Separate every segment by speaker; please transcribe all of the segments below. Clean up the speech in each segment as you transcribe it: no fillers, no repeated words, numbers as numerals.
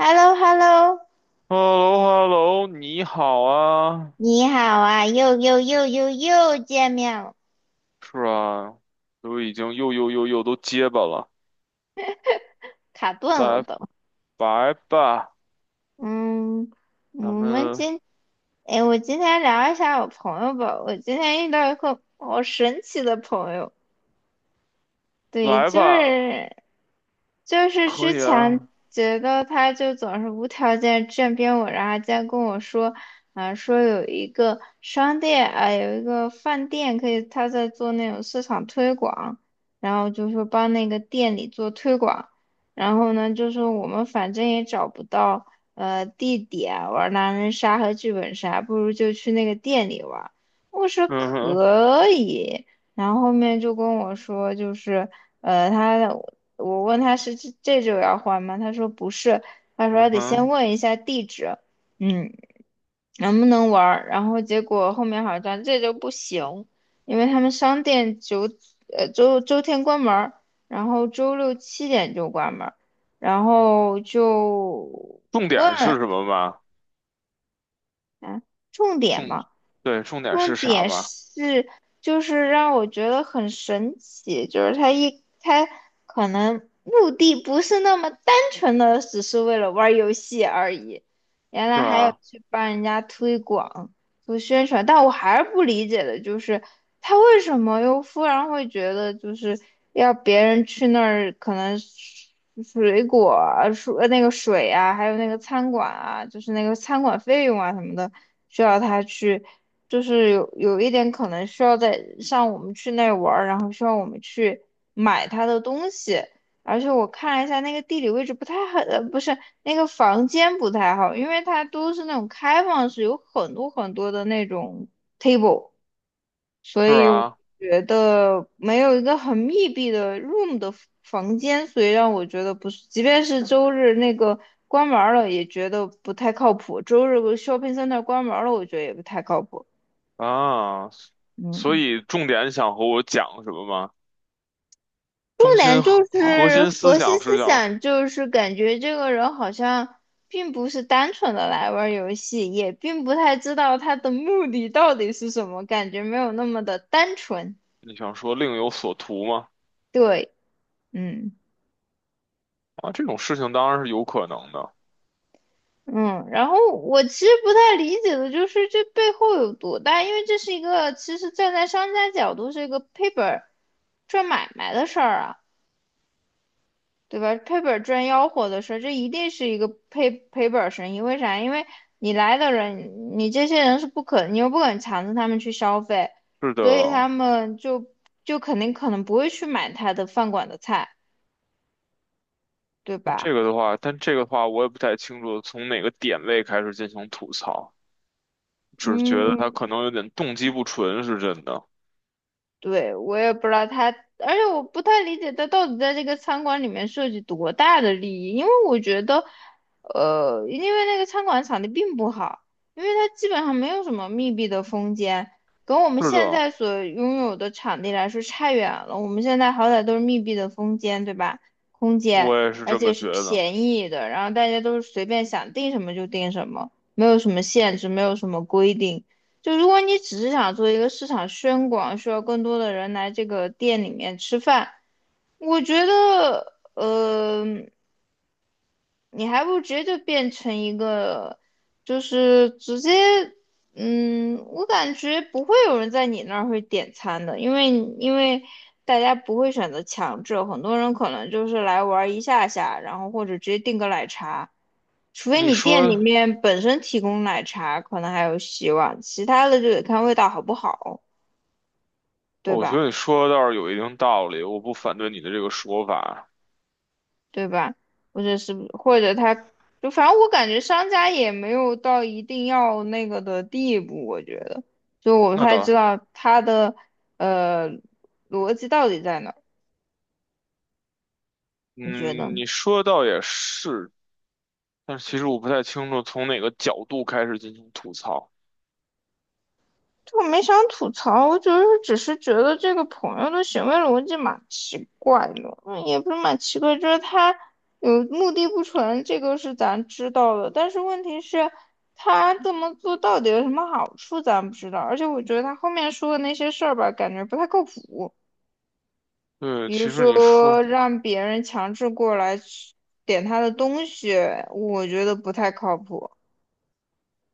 Speaker 1: h e l l o
Speaker 2: h e l l o h e l l o 你好啊，
Speaker 1: 你好啊，又见面了，
Speaker 2: 是啊，都已经又都结巴了，
Speaker 1: 卡顿了
Speaker 2: 来
Speaker 1: 都。
Speaker 2: 来吧，
Speaker 1: 嗯，我
Speaker 2: 咱
Speaker 1: 们
Speaker 2: 们
Speaker 1: 今，哎，我今天聊一下我朋友吧。我今天遇到一个好神奇的朋友。对，
Speaker 2: 来
Speaker 1: 就
Speaker 2: 吧，
Speaker 1: 是就是之
Speaker 2: 可以
Speaker 1: 前
Speaker 2: 啊。
Speaker 1: 觉得他就总是无条件站边我，然后今在跟我说，啊、说有一个饭店可以，他在做那种市场推广，然后就说帮那个店里做推广，然后呢，就说我们反正也找不到地点玩狼人杀和剧本杀，不如就去那个店里玩。我说
Speaker 2: 嗯哼。
Speaker 1: 可以。然后后面就跟我说，呃，他我问他是这就要换吗？他说不是，他说
Speaker 2: 嗯
Speaker 1: 还得先
Speaker 2: 哼。
Speaker 1: 问一下地址，嗯，能不能玩儿？然后结果后面好像这周不行，因为他们商店周天关门儿，然后周六7点就关门儿，然后就
Speaker 2: 重
Speaker 1: 问
Speaker 2: 点是什么嘛？
Speaker 1: 啊，重
Speaker 2: 重，
Speaker 1: 点嘛。
Speaker 2: 对，重点
Speaker 1: 重
Speaker 2: 是啥
Speaker 1: 点
Speaker 2: 嘛？
Speaker 1: 是，就是让我觉得很神奇，就是他可能目的不是那么单纯的，只是为了玩儿游戏而已，原来
Speaker 2: 是
Speaker 1: 还有
Speaker 2: 啊。
Speaker 1: 去帮人家推广、做宣传，但我还是不理解的，就是他为什么又忽然会觉得就是要别人去那儿，可能水果啊、水啊，还有那个餐馆啊，就是那个餐馆费用啊什么的，需要他去。就是有一点可能需要在像我们去那玩儿，然后需要我们去买他的东西，而且我看了一下那个地理位置不太好，不是那个房间不太好，因为它都是那种开放式，有很多很多的那种 table，所
Speaker 2: 是
Speaker 1: 以我
Speaker 2: 啊。
Speaker 1: 觉得没有一个很密闭的 room 的房间，所以让我觉得不是，即便是周日那个关门儿了也觉得不太靠谱，周日 shopping center 关门儿了，我觉得也不太靠谱。
Speaker 2: 啊，所
Speaker 1: 嗯，
Speaker 2: 以重点想和我讲什么吗？
Speaker 1: 重
Speaker 2: 中
Speaker 1: 点
Speaker 2: 心核
Speaker 1: 就
Speaker 2: 核
Speaker 1: 是
Speaker 2: 心思
Speaker 1: 核心
Speaker 2: 想
Speaker 1: 思
Speaker 2: 是想
Speaker 1: 想，就是感觉这个人好像并不是单纯的来玩儿游戏，也并不太知道他的目的到底是什么，感觉没有那么的单纯。
Speaker 2: 你想说另有所图吗？
Speaker 1: 对，嗯
Speaker 2: 啊，这种事情当然是有可能的，
Speaker 1: 嗯。然后我其实不太理解的就是这背后有多大，因为这是一个其实站在商家角度是一个赔本儿赚买卖的事儿啊。对吧？赔本儿赚吆喝的事儿，这一定是一个赔本儿生意。为啥？因为你来的人，你这些人是不可，你又不肯强制他们去消费，
Speaker 2: 是
Speaker 1: 所以他
Speaker 2: 的。
Speaker 1: 们就肯定可能不会去买他的饭馆的菜，对
Speaker 2: 那这
Speaker 1: 吧？
Speaker 2: 个的话，但这个的话，我也不太清楚从哪个点位开始进行吐槽，只是觉得他
Speaker 1: 嗯，
Speaker 2: 可能有点动机不纯，是真的。
Speaker 1: 对，我也不知道他，而且我不太理解他到底在这个餐馆里面涉及多大的利益，因为我觉得，因为那个餐馆场地并不好，因为它基本上没有什么密闭的空间，跟我们
Speaker 2: 是
Speaker 1: 现
Speaker 2: 的，
Speaker 1: 在所拥有的场地来说差远了。我们现在好歹都是密闭的空间，对吧？空间，
Speaker 2: 我也是
Speaker 1: 而
Speaker 2: 这么
Speaker 1: 且是
Speaker 2: 觉得。
Speaker 1: 便宜的，然后大家都是随便想订什么就订什么，没有什么限制，没有什么规定。就如果你只是想做一个市场宣广，需要更多的人来这个店里面吃饭，我觉得，你还不如直接就变成一个，就是直接，我感觉不会有人在你那儿会点餐的，因为因为大家不会选择强制，很多人可能就是来玩儿一下下，然后或者直接订个奶茶。除非
Speaker 2: 你
Speaker 1: 你店里
Speaker 2: 说，
Speaker 1: 面本身提供奶茶，可能还有希望，其他的就得看味道好不好。对
Speaker 2: 我觉
Speaker 1: 吧？
Speaker 2: 得你说的倒是有一定道理，我不反对你的这个说法。
Speaker 1: 对吧？或者他就反正我感觉商家也没有到一定要那个的地步，我觉得，就我不
Speaker 2: 那
Speaker 1: 太知
Speaker 2: 倒，
Speaker 1: 道他的呃逻辑到底在哪儿，你觉得
Speaker 2: 嗯，
Speaker 1: 呢？
Speaker 2: 你说的倒也是，但是其实我不太清楚从哪个角度开始进行吐槽。
Speaker 1: 我没想吐槽，我只是觉得这个朋友的行为逻辑蛮奇怪的，也不是蛮奇怪，就是他有目的不纯，这个是咱知道的，但是问题是，他这么做到底有什么好处，咱不知道。而且我觉得他后面说的那些事儿吧，感觉不太靠谱，
Speaker 2: 对，
Speaker 1: 比如
Speaker 2: 其实你
Speaker 1: 说
Speaker 2: 说，
Speaker 1: 让别人强制过来点他的东西，我觉得不太靠谱。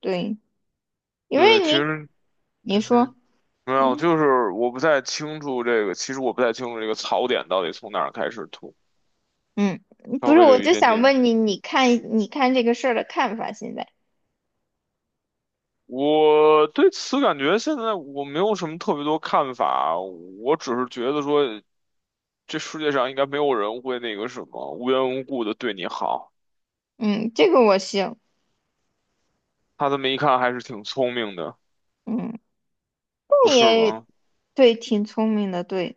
Speaker 1: 对，因为
Speaker 2: 对，其
Speaker 1: 你
Speaker 2: 实。
Speaker 1: 你说，
Speaker 2: 没有，
Speaker 1: 嗯。
Speaker 2: 就是我不太清楚这个槽点到底从哪儿开始吐，
Speaker 1: 嗯，不
Speaker 2: 稍
Speaker 1: 是，
Speaker 2: 微的
Speaker 1: 我
Speaker 2: 有一
Speaker 1: 就
Speaker 2: 点
Speaker 1: 想
Speaker 2: 点。
Speaker 1: 问你，你看这个事儿的看法现在？
Speaker 2: 我对此感觉现在我没有什么特别多看法，我只是觉得说这世界上应该没有人会那个什么无缘无故的对你好。
Speaker 1: 嗯，这个我行。
Speaker 2: 他这么一看还是挺聪明的，
Speaker 1: 嗯，
Speaker 2: 不
Speaker 1: 你
Speaker 2: 是
Speaker 1: 也
Speaker 2: 吗？
Speaker 1: 对，挺聪明的，对，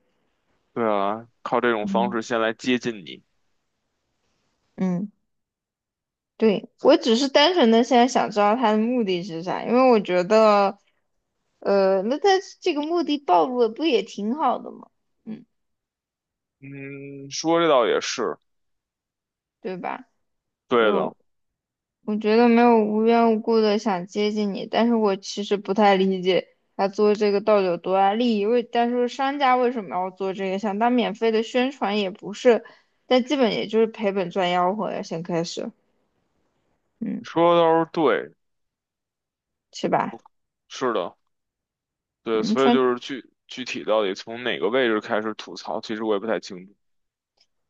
Speaker 2: 对啊，靠这种方
Speaker 1: 嗯，
Speaker 2: 式先来接近你。
Speaker 1: 嗯，对，我只是单纯的现在想知道他的目的是啥，因为我觉得，那他这个目的暴露了，不也挺好的吗？嗯，
Speaker 2: 嗯，说这倒也是，
Speaker 1: 对吧？
Speaker 2: 对
Speaker 1: 就
Speaker 2: 的，
Speaker 1: 我觉得没有无缘无故的想接近你，但是我其实不太理解他做这个到底有多大利益。但是商家为什么要做这个？想当免费的宣传也不是，但基本也就是赔本赚吆喝呀，先开始，嗯，
Speaker 2: 说的倒是对，
Speaker 1: 是吧？
Speaker 2: 是的。对，
Speaker 1: 嗯，
Speaker 2: 所以
Speaker 1: 他
Speaker 2: 就是具体到底从哪个位置开始吐槽，其实我也不太清楚。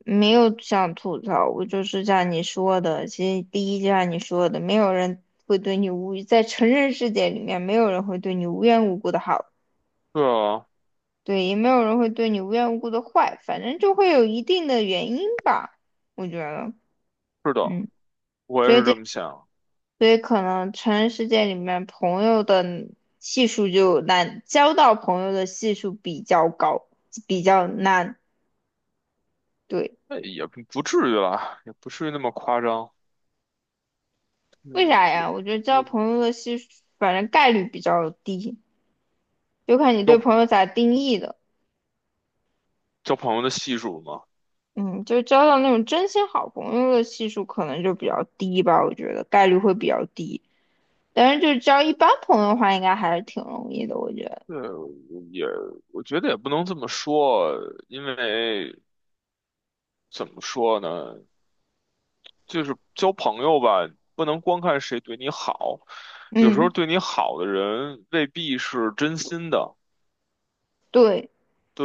Speaker 1: 没有想吐槽，我就是像你说的，其实第一就像你说的，没有人会对你无语，在成人世界里面，没有人会对你无缘无故的好。
Speaker 2: 对啊。
Speaker 1: 对，也没有人会对你无缘无故的坏，反正就会有一定的原因吧，我觉得，
Speaker 2: 是的。
Speaker 1: 嗯，
Speaker 2: 我也
Speaker 1: 所以
Speaker 2: 是
Speaker 1: 这，
Speaker 2: 这么想。
Speaker 1: 所以可能成人世界里面朋友的系数就难，交到朋友的系数比较高，比较难，对，
Speaker 2: 那也不至于啦，也不至于那么夸张。
Speaker 1: 为
Speaker 2: 嗯，
Speaker 1: 啥
Speaker 2: 也
Speaker 1: 呀？我觉得交
Speaker 2: 也
Speaker 1: 朋友的系数，反正概率比较低，就看你对
Speaker 2: 交
Speaker 1: 朋友咋定义的，
Speaker 2: 交朋友的系数嘛。
Speaker 1: 嗯，就交到那种真心好朋友的系数可能就比较低吧，我觉得概率会比较低。但是就是交一般朋友的话，应该还是挺容易的，我觉得。
Speaker 2: 对，也我觉得也不能这么说，因为怎么说呢，就是交朋友吧，不能光看谁对你好，有时候
Speaker 1: 嗯，
Speaker 2: 对你好的人未必是真心的。
Speaker 1: 对，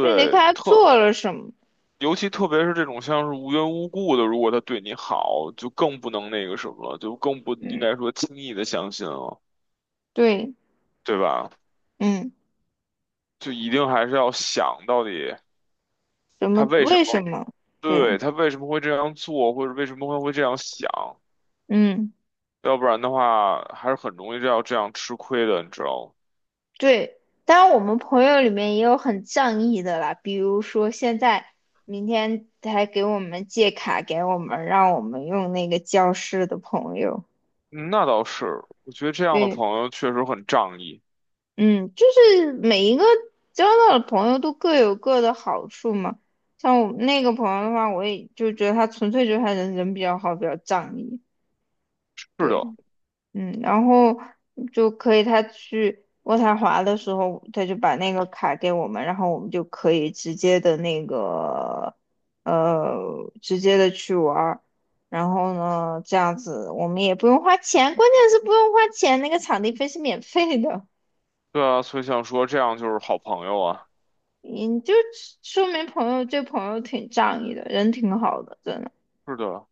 Speaker 1: 就你得看他
Speaker 2: 特
Speaker 1: 做了什么。
Speaker 2: 尤其特别是这种像是无缘无故的，如果他对你好，就更不能那个什么了，就更不应
Speaker 1: 嗯，
Speaker 2: 该说轻易的相信了，
Speaker 1: 对，
Speaker 2: 对吧？
Speaker 1: 嗯，
Speaker 2: 就一定还是要想到底
Speaker 1: 什么？
Speaker 2: 他为什
Speaker 1: 为什
Speaker 2: 么，
Speaker 1: 么？对，
Speaker 2: 对，他为什么会这样做，或者为什么会这样想，
Speaker 1: 嗯，
Speaker 2: 要不然的话还是很容易要这样吃亏的，你知道吗？
Speaker 1: 对。当然，我们朋友里面也有很仗义的啦，比如说现在明天还给我们借卡给我们，让我们用那个教室的朋友。
Speaker 2: 嗯那倒是，我觉得这样的
Speaker 1: 对。
Speaker 2: 朋友确实很仗义。
Speaker 1: 嗯，就是每一个交到的朋友都各有各的好处嘛。像我那个朋友的话，我也就觉得他纯粹就是他人比较好，比较仗义。
Speaker 2: 是的。
Speaker 1: 对，嗯，然后就可以他去渥太华的时候，他就把那个卡给我们，然后我们就可以呃直接的去玩儿。然后呢，这样子我们也不用花钱，关键是不用花钱，那个场地费是免费的。
Speaker 2: 对啊，所以想说这样就是好朋友啊。
Speaker 1: 你就说明这朋友挺仗义的，人挺好的，真的。
Speaker 2: 是的，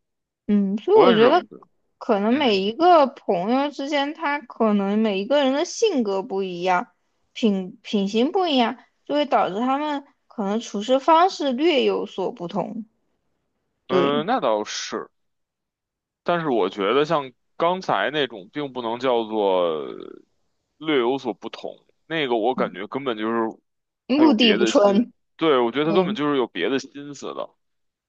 Speaker 1: 嗯，所以
Speaker 2: 我
Speaker 1: 我
Speaker 2: 也是
Speaker 1: 觉
Speaker 2: 这
Speaker 1: 得
Speaker 2: 么觉得。
Speaker 1: 可能每
Speaker 2: 嗯
Speaker 1: 一个朋友之间，他可能每一个人的性格不一样，品行不一样，就会导致他们可能处事方式略有所不同。
Speaker 2: 哼。
Speaker 1: 对，
Speaker 2: 呃那倒是。但是我觉得像刚才那种，并不能叫做略有所不同。那个我
Speaker 1: 嗯，
Speaker 2: 感觉根本就是还
Speaker 1: 目
Speaker 2: 有
Speaker 1: 的
Speaker 2: 别
Speaker 1: 不
Speaker 2: 的心，
Speaker 1: 纯。
Speaker 2: 对，我觉得他根本
Speaker 1: 嗯
Speaker 2: 就是有别的心思的。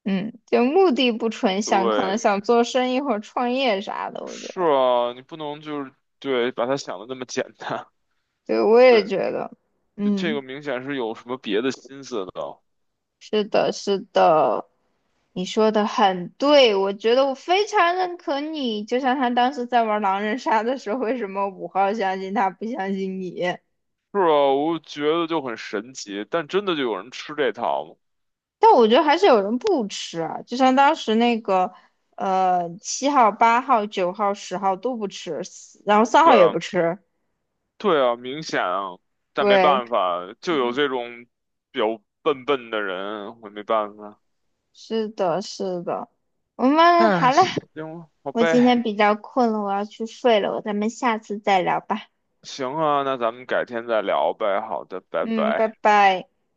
Speaker 1: 嗯，就目的不纯，想可能
Speaker 2: 对，
Speaker 1: 想做生意或者创业啥的，我觉
Speaker 2: 是
Speaker 1: 得。
Speaker 2: 啊，你不能把他想的那么简单。
Speaker 1: 对，我也
Speaker 2: 对，
Speaker 1: 觉得，
Speaker 2: 就这个
Speaker 1: 嗯。
Speaker 2: 明显是有什么别的心思的。
Speaker 1: 是的，是的，你说的很对，我觉得我非常认可你。就像他当时在玩狼人杀的时候，为什么5号相信他，不相信你？
Speaker 2: 是啊，我觉得就很神奇，但真的就有人吃这套吗？
Speaker 1: 但我觉得还是有人不吃啊，就像当时那个，7号、8号、9号、10号都不吃，然后三
Speaker 2: 对
Speaker 1: 号也
Speaker 2: 啊，
Speaker 1: 不吃。
Speaker 2: 对啊，明显啊，但没
Speaker 1: 对，
Speaker 2: 办法，就有这种比较笨笨的人，我没办法。
Speaker 1: 是的，是的。我们好
Speaker 2: 唉，
Speaker 1: 了，
Speaker 2: 行，好
Speaker 1: 我今天
Speaker 2: 呗，
Speaker 1: 比较困了，我要去睡了，咱们下次再聊吧。
Speaker 2: 行啊，那咱们改天再聊呗。好的，拜
Speaker 1: 嗯，拜
Speaker 2: 拜。
Speaker 1: 拜。